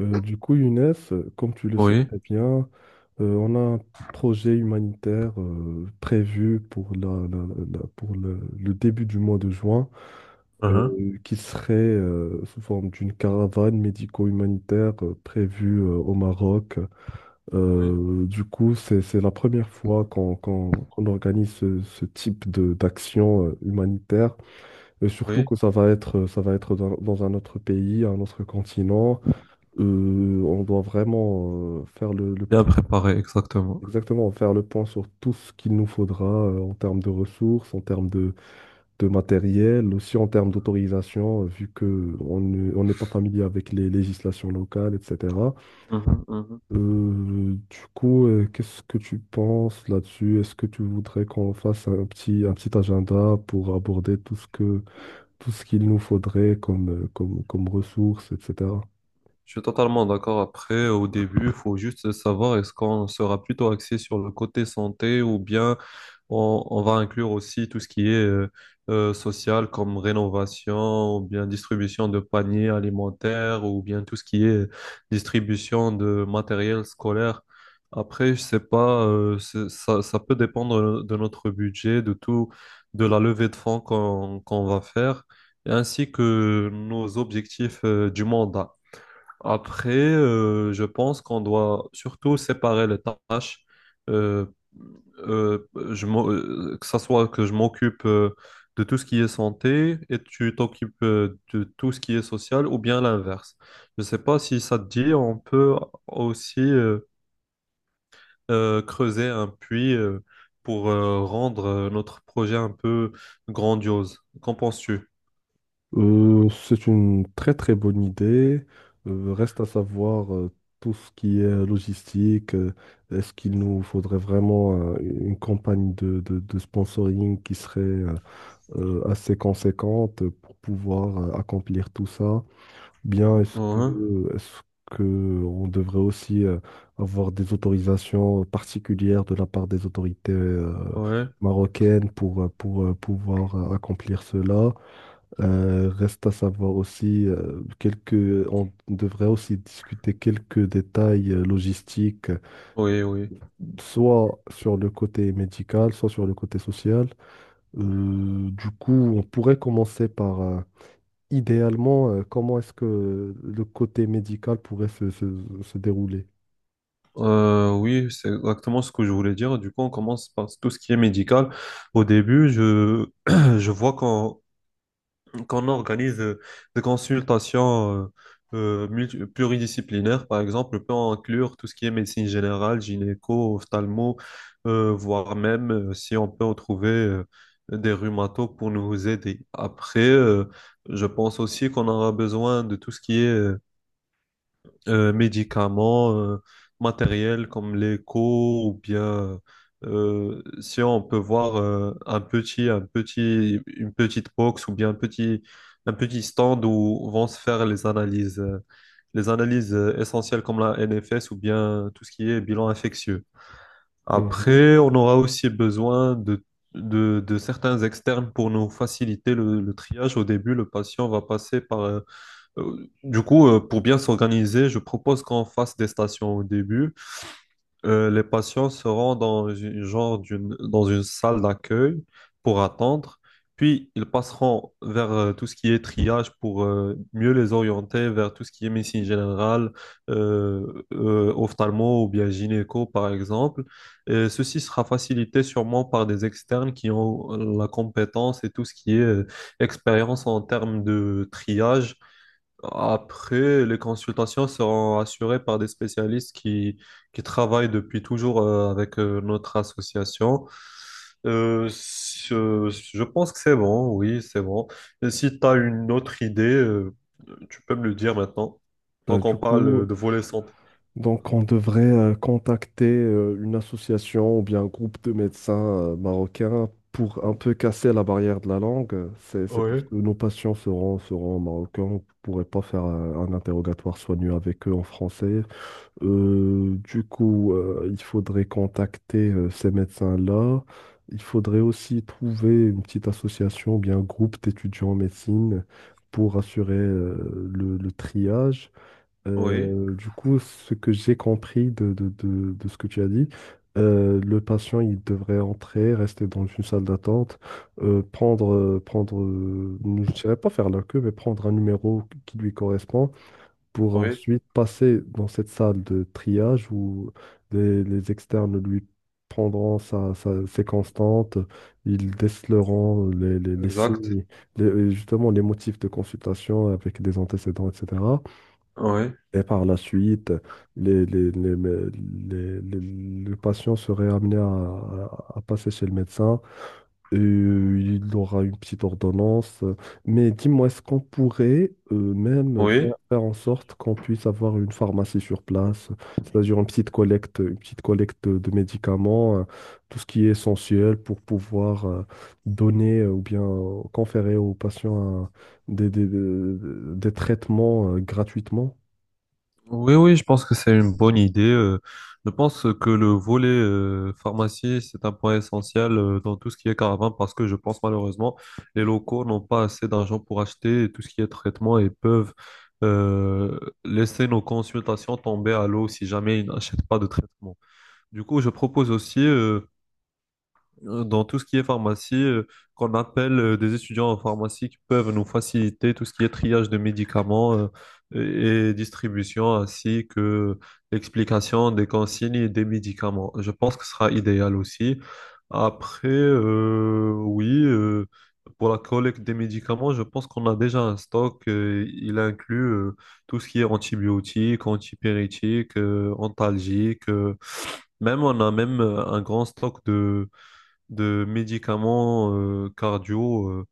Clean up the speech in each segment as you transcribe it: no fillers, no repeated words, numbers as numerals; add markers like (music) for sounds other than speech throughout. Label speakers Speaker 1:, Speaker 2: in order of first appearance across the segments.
Speaker 1: Younes, comme tu le sais
Speaker 2: Oui,
Speaker 1: très bien, on a un projet humanitaire prévu pour, pour le début du mois de juin,
Speaker 2: hein,
Speaker 1: qui serait sous forme d'une caravane médico-humanitaire prévue au Maroc.
Speaker 2: oui,
Speaker 1: C'est la première fois qu'on organise ce type d'action humanitaire, et surtout
Speaker 2: oui,
Speaker 1: que ça va être dans un autre pays, un autre continent. Euh, on doit vraiment faire le
Speaker 2: bien
Speaker 1: point.
Speaker 2: préparé, exactement.
Speaker 1: Exactement, faire le point sur tout ce qu'il nous faudra en termes de ressources, en termes de matériel, aussi en termes d'autorisation, vu que on n'est pas familier avec les législations locales, etc.
Speaker 2: Mhm, mhm.
Speaker 1: Qu'est-ce que tu penses là-dessus? Est-ce que tu voudrais qu'on fasse un petit agenda pour aborder tout ce qu'il nous faudrait comme, comme ressources, etc.
Speaker 2: Je suis totalement d'accord. Après, au début, il faut juste savoir est-ce qu'on sera plutôt axé sur le côté santé ou bien on va inclure aussi tout ce qui est social comme rénovation ou bien distribution de paniers alimentaires ou bien tout ce qui est distribution de matériel scolaire. Après, je sais pas, ça, ça peut dépendre de notre budget, de tout, de la levée de fonds qu'on va faire, ainsi que nos objectifs du mandat. Après, je pense qu'on doit surtout séparer les tâches. Euh, euh, que ça soit que je m'occupe de tout ce qui est santé et tu t'occupes de tout ce qui est social ou bien l'inverse. Je ne sais pas si ça te dit, on peut aussi creuser un puits pour rendre notre projet un peu grandiose. Qu'en penses-tu?
Speaker 1: C'est une très très bonne idée. Reste à savoir tout ce qui est logistique. Est-ce qu'il nous faudrait vraiment une campagne de sponsoring qui serait assez conséquente pour pouvoir accomplir tout ça? Bien,
Speaker 2: Hein,
Speaker 1: est-ce que on devrait aussi avoir des autorisations particulières de la part des autorités
Speaker 2: ouais,
Speaker 1: marocaines pour pouvoir accomplir cela? Reste à savoir aussi on devrait aussi discuter quelques détails logistiques,
Speaker 2: oui, oui.
Speaker 1: soit sur le côté médical, soit sur le côté social. On pourrait commencer par, idéalement, comment est-ce que le côté médical pourrait se dérouler.
Speaker 2: Oui, c'est exactement ce que je voulais dire. Du coup, on commence par tout ce qui est médical. Au début, je, (clears throat) je vois qu'on organise des consultations pluridisciplinaires. Par exemple, on peut inclure tout ce qui est médecine générale, gynéco, ophtalmo, voire même si on peut retrouver des rhumatos pour nous aider. Après, je pense aussi qu'on aura besoin de tout ce qui est médicaments, matériel comme l'écho ou bien, si on peut voir, un petit, une petite box ou bien un petit stand où vont se faire les analyses essentielles comme la NFS ou bien tout ce qui est bilan infectieux.
Speaker 1: Mhm.
Speaker 2: Après, on aura aussi besoin de certains externes pour nous faciliter le triage. Au début, le patient va passer par Du coup, pour bien s'organiser, je propose qu'on fasse des stations au début. Les patients seront dans une, genre d'une, dans une salle d'accueil pour attendre, puis ils passeront vers tout ce qui est triage pour mieux les orienter vers tout ce qui est médecine générale, ophtalmo ou bien gynéco, par exemple. Et ceci sera facilité sûrement par des externes qui ont la compétence et tout ce qui est expérience en termes de triage. Après, les consultations seront assurées par des spécialistes qui travaillent depuis toujours avec notre association. Je pense que c'est bon, oui, c'est bon. Et si tu as une autre idée, tu peux me le dire maintenant, tant
Speaker 1: Bah, du
Speaker 2: qu'on parle
Speaker 1: coup,
Speaker 2: de volet santé.
Speaker 1: Donc, on devrait contacter une association ou bien un groupe de médecins marocains pour un peu casser la barrière de la langue. C'est parce
Speaker 2: Oui,
Speaker 1: que nos patients seront, seront marocains. On ne pourrait pas faire un interrogatoire soigneux avec eux en français. Il faudrait contacter ces médecins-là. Il faudrait aussi trouver une petite association ou bien un groupe d'étudiants en médecine pour assurer le triage.
Speaker 2: oui,
Speaker 1: Ce que j'ai compris de ce que tu as dit, le patient, il devrait entrer, rester dans une salle d'attente, prendre, je ne dirais pas faire la queue, mais prendre un numéro qui lui correspond pour
Speaker 2: oui,
Speaker 1: ensuite passer dans cette salle de triage où les externes lui prendront ses constantes, ils déceleront les
Speaker 2: exact.
Speaker 1: signes, les- justement les motifs de consultation avec des antécédents, etc.
Speaker 2: Oui,
Speaker 1: Et par la suite, les, les, les, les- les- les- le patient serait amené à passer chez le médecin. Et, il aura une petite ordonnance. Mais dis-moi, est-ce qu'on pourrait même
Speaker 2: oui.
Speaker 1: faire en sorte qu'on puisse avoir une pharmacie sur place, c'est-à-dire une petite collecte de médicaments, tout ce qui est essentiel pour pouvoir donner ou bien conférer aux patients des traitements gratuitement?
Speaker 2: Oui, oui, je pense que c'est une bonne idée. Je pense que le volet pharmacie, c'est un point essentiel dans tout ce qui est caravane, parce que je pense malheureusement, les locaux n'ont pas assez d'argent pour acheter tout ce qui est traitement et peuvent euh, laisser nos consultations tomber à l'eau si jamais ils n'achètent pas de traitement. Du coup, je propose aussi dans tout ce qui est pharmacie, qu'on appelle des étudiants en pharmacie qui peuvent nous faciliter tout ce qui est triage de médicaments, et distribution, ainsi que l'explication des consignes et des médicaments. Je pense que ce sera idéal aussi. Après, oui, pour la collecte des médicaments, je pense qu'on a déjà un stock. Il inclut tout ce qui est antibiotiques, antipyrétiques, antalgiques. Même on a même un grand stock de médicaments cardio.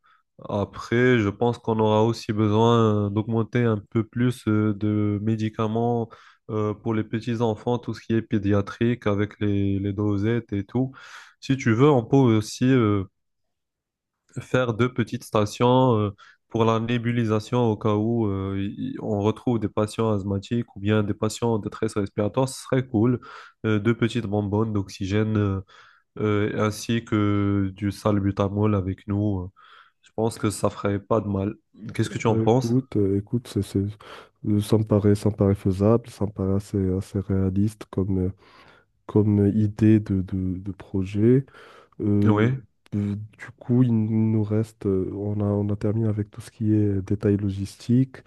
Speaker 2: Après, je pense qu'on aura aussi besoin d'augmenter un peu plus de médicaments pour les petits enfants, tout ce qui est pédiatrique avec les dosettes et tout. Si tu veux, on peut aussi faire deux petites stations pour la nébulisation au cas où on retrouve des patients asthmatiques ou bien des patients en détresse respiratoire. Ce serait cool. Deux petites bonbonnes d'oxygène, ainsi que du salbutamol avec nous. Je pense que ça ferait pas de mal. Qu'est-ce que tu en
Speaker 1: Ouais,
Speaker 2: penses?
Speaker 1: écoute, écoute, ça me paraît faisable, ça me paraît assez, assez réaliste comme, comme idée de projet. Euh,
Speaker 2: Oui,
Speaker 1: il nous reste, on a terminé avec tout ce qui est détail logistique.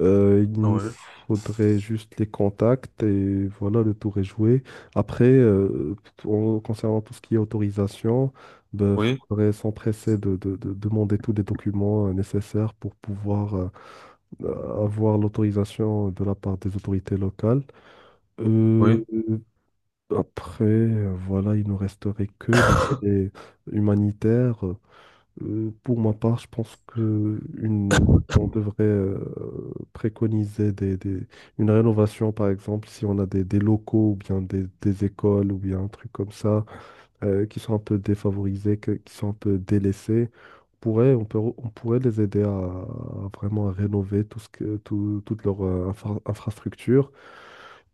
Speaker 1: Il nous
Speaker 2: oui,
Speaker 1: faudrait juste les contacts et voilà, le tour est joué. Après, concernant tout ce qui est autorisation, il
Speaker 2: oui,
Speaker 1: faudrait s'empresser de demander tous les documents nécessaires pour pouvoir avoir l'autorisation de la part des autorités locales. Euh,
Speaker 2: oui,
Speaker 1: voilà, il ne resterait que le volet humanitaire. Pour ma part, je pense que une, on devrait préconiser une rénovation, par exemple, si on a des locaux ou bien des écoles ou bien un truc comme ça qui sont un peu défavorisés, que- qui sont un peu délaissés. On pourrait les aider à vraiment à rénover toute leur infrastructure.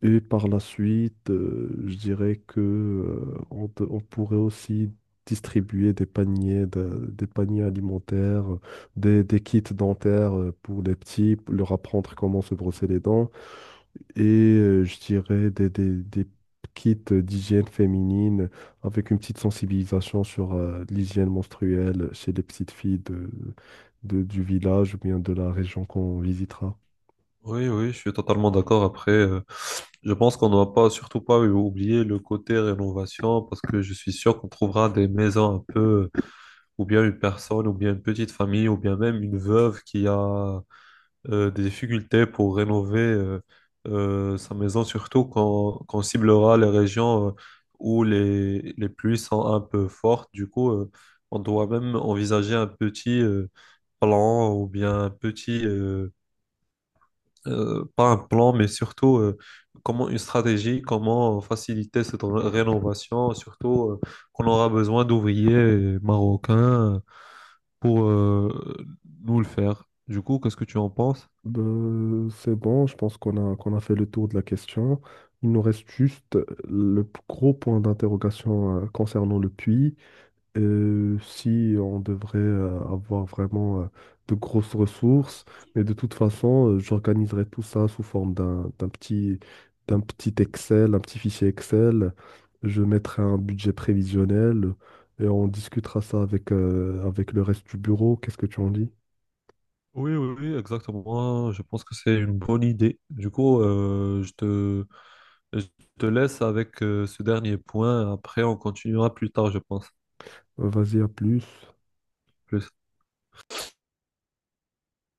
Speaker 1: Et par la suite, je dirais que, on pourrait aussi distribuer des paniers, des paniers alimentaires, des kits dentaires pour les petits, pour leur apprendre comment se brosser les dents et je dirais des kits d'hygiène féminine avec une petite sensibilisation sur l'hygiène menstruelle chez les petites filles du village ou bien de la région qu'on visitera.
Speaker 2: oui, oui, je suis totalement d'accord. Après, je pense qu'on ne doit pas, surtout pas oublier le côté rénovation, parce que je suis sûr qu'on trouvera des maisons un peu, ou bien une personne, ou bien une petite famille, ou bien même une veuve qui a des difficultés pour rénover sa maison, surtout quand, quand on ciblera les régions où les pluies sont un peu fortes. Du coup, on doit même envisager un petit plan ou bien un petit, pas un plan, mais surtout comment une stratégie, comment faciliter cette rénovation, surtout qu'on aura besoin d'ouvriers marocains pour nous le faire. Du coup, qu'est-ce que tu en penses?
Speaker 1: Ben, c'est bon, je pense qu'on a fait le tour de la question. Il nous reste juste le gros point d'interrogation concernant le puits. Si on devrait avoir vraiment de grosses ressources, mais de toute façon, j'organiserai tout ça sous forme d'un petit Excel, un petit fichier Excel. Je mettrai un budget prévisionnel et on discutera ça avec, avec le reste du bureau. Qu'est-ce que tu en dis?
Speaker 2: Oui, oui, oui, exactement. Je pense que c'est une bonne idée. Du coup, je te laisse avec ce dernier point. Après, on continuera plus tard, je pense.
Speaker 1: Vas-y, à plus.
Speaker 2: Plus.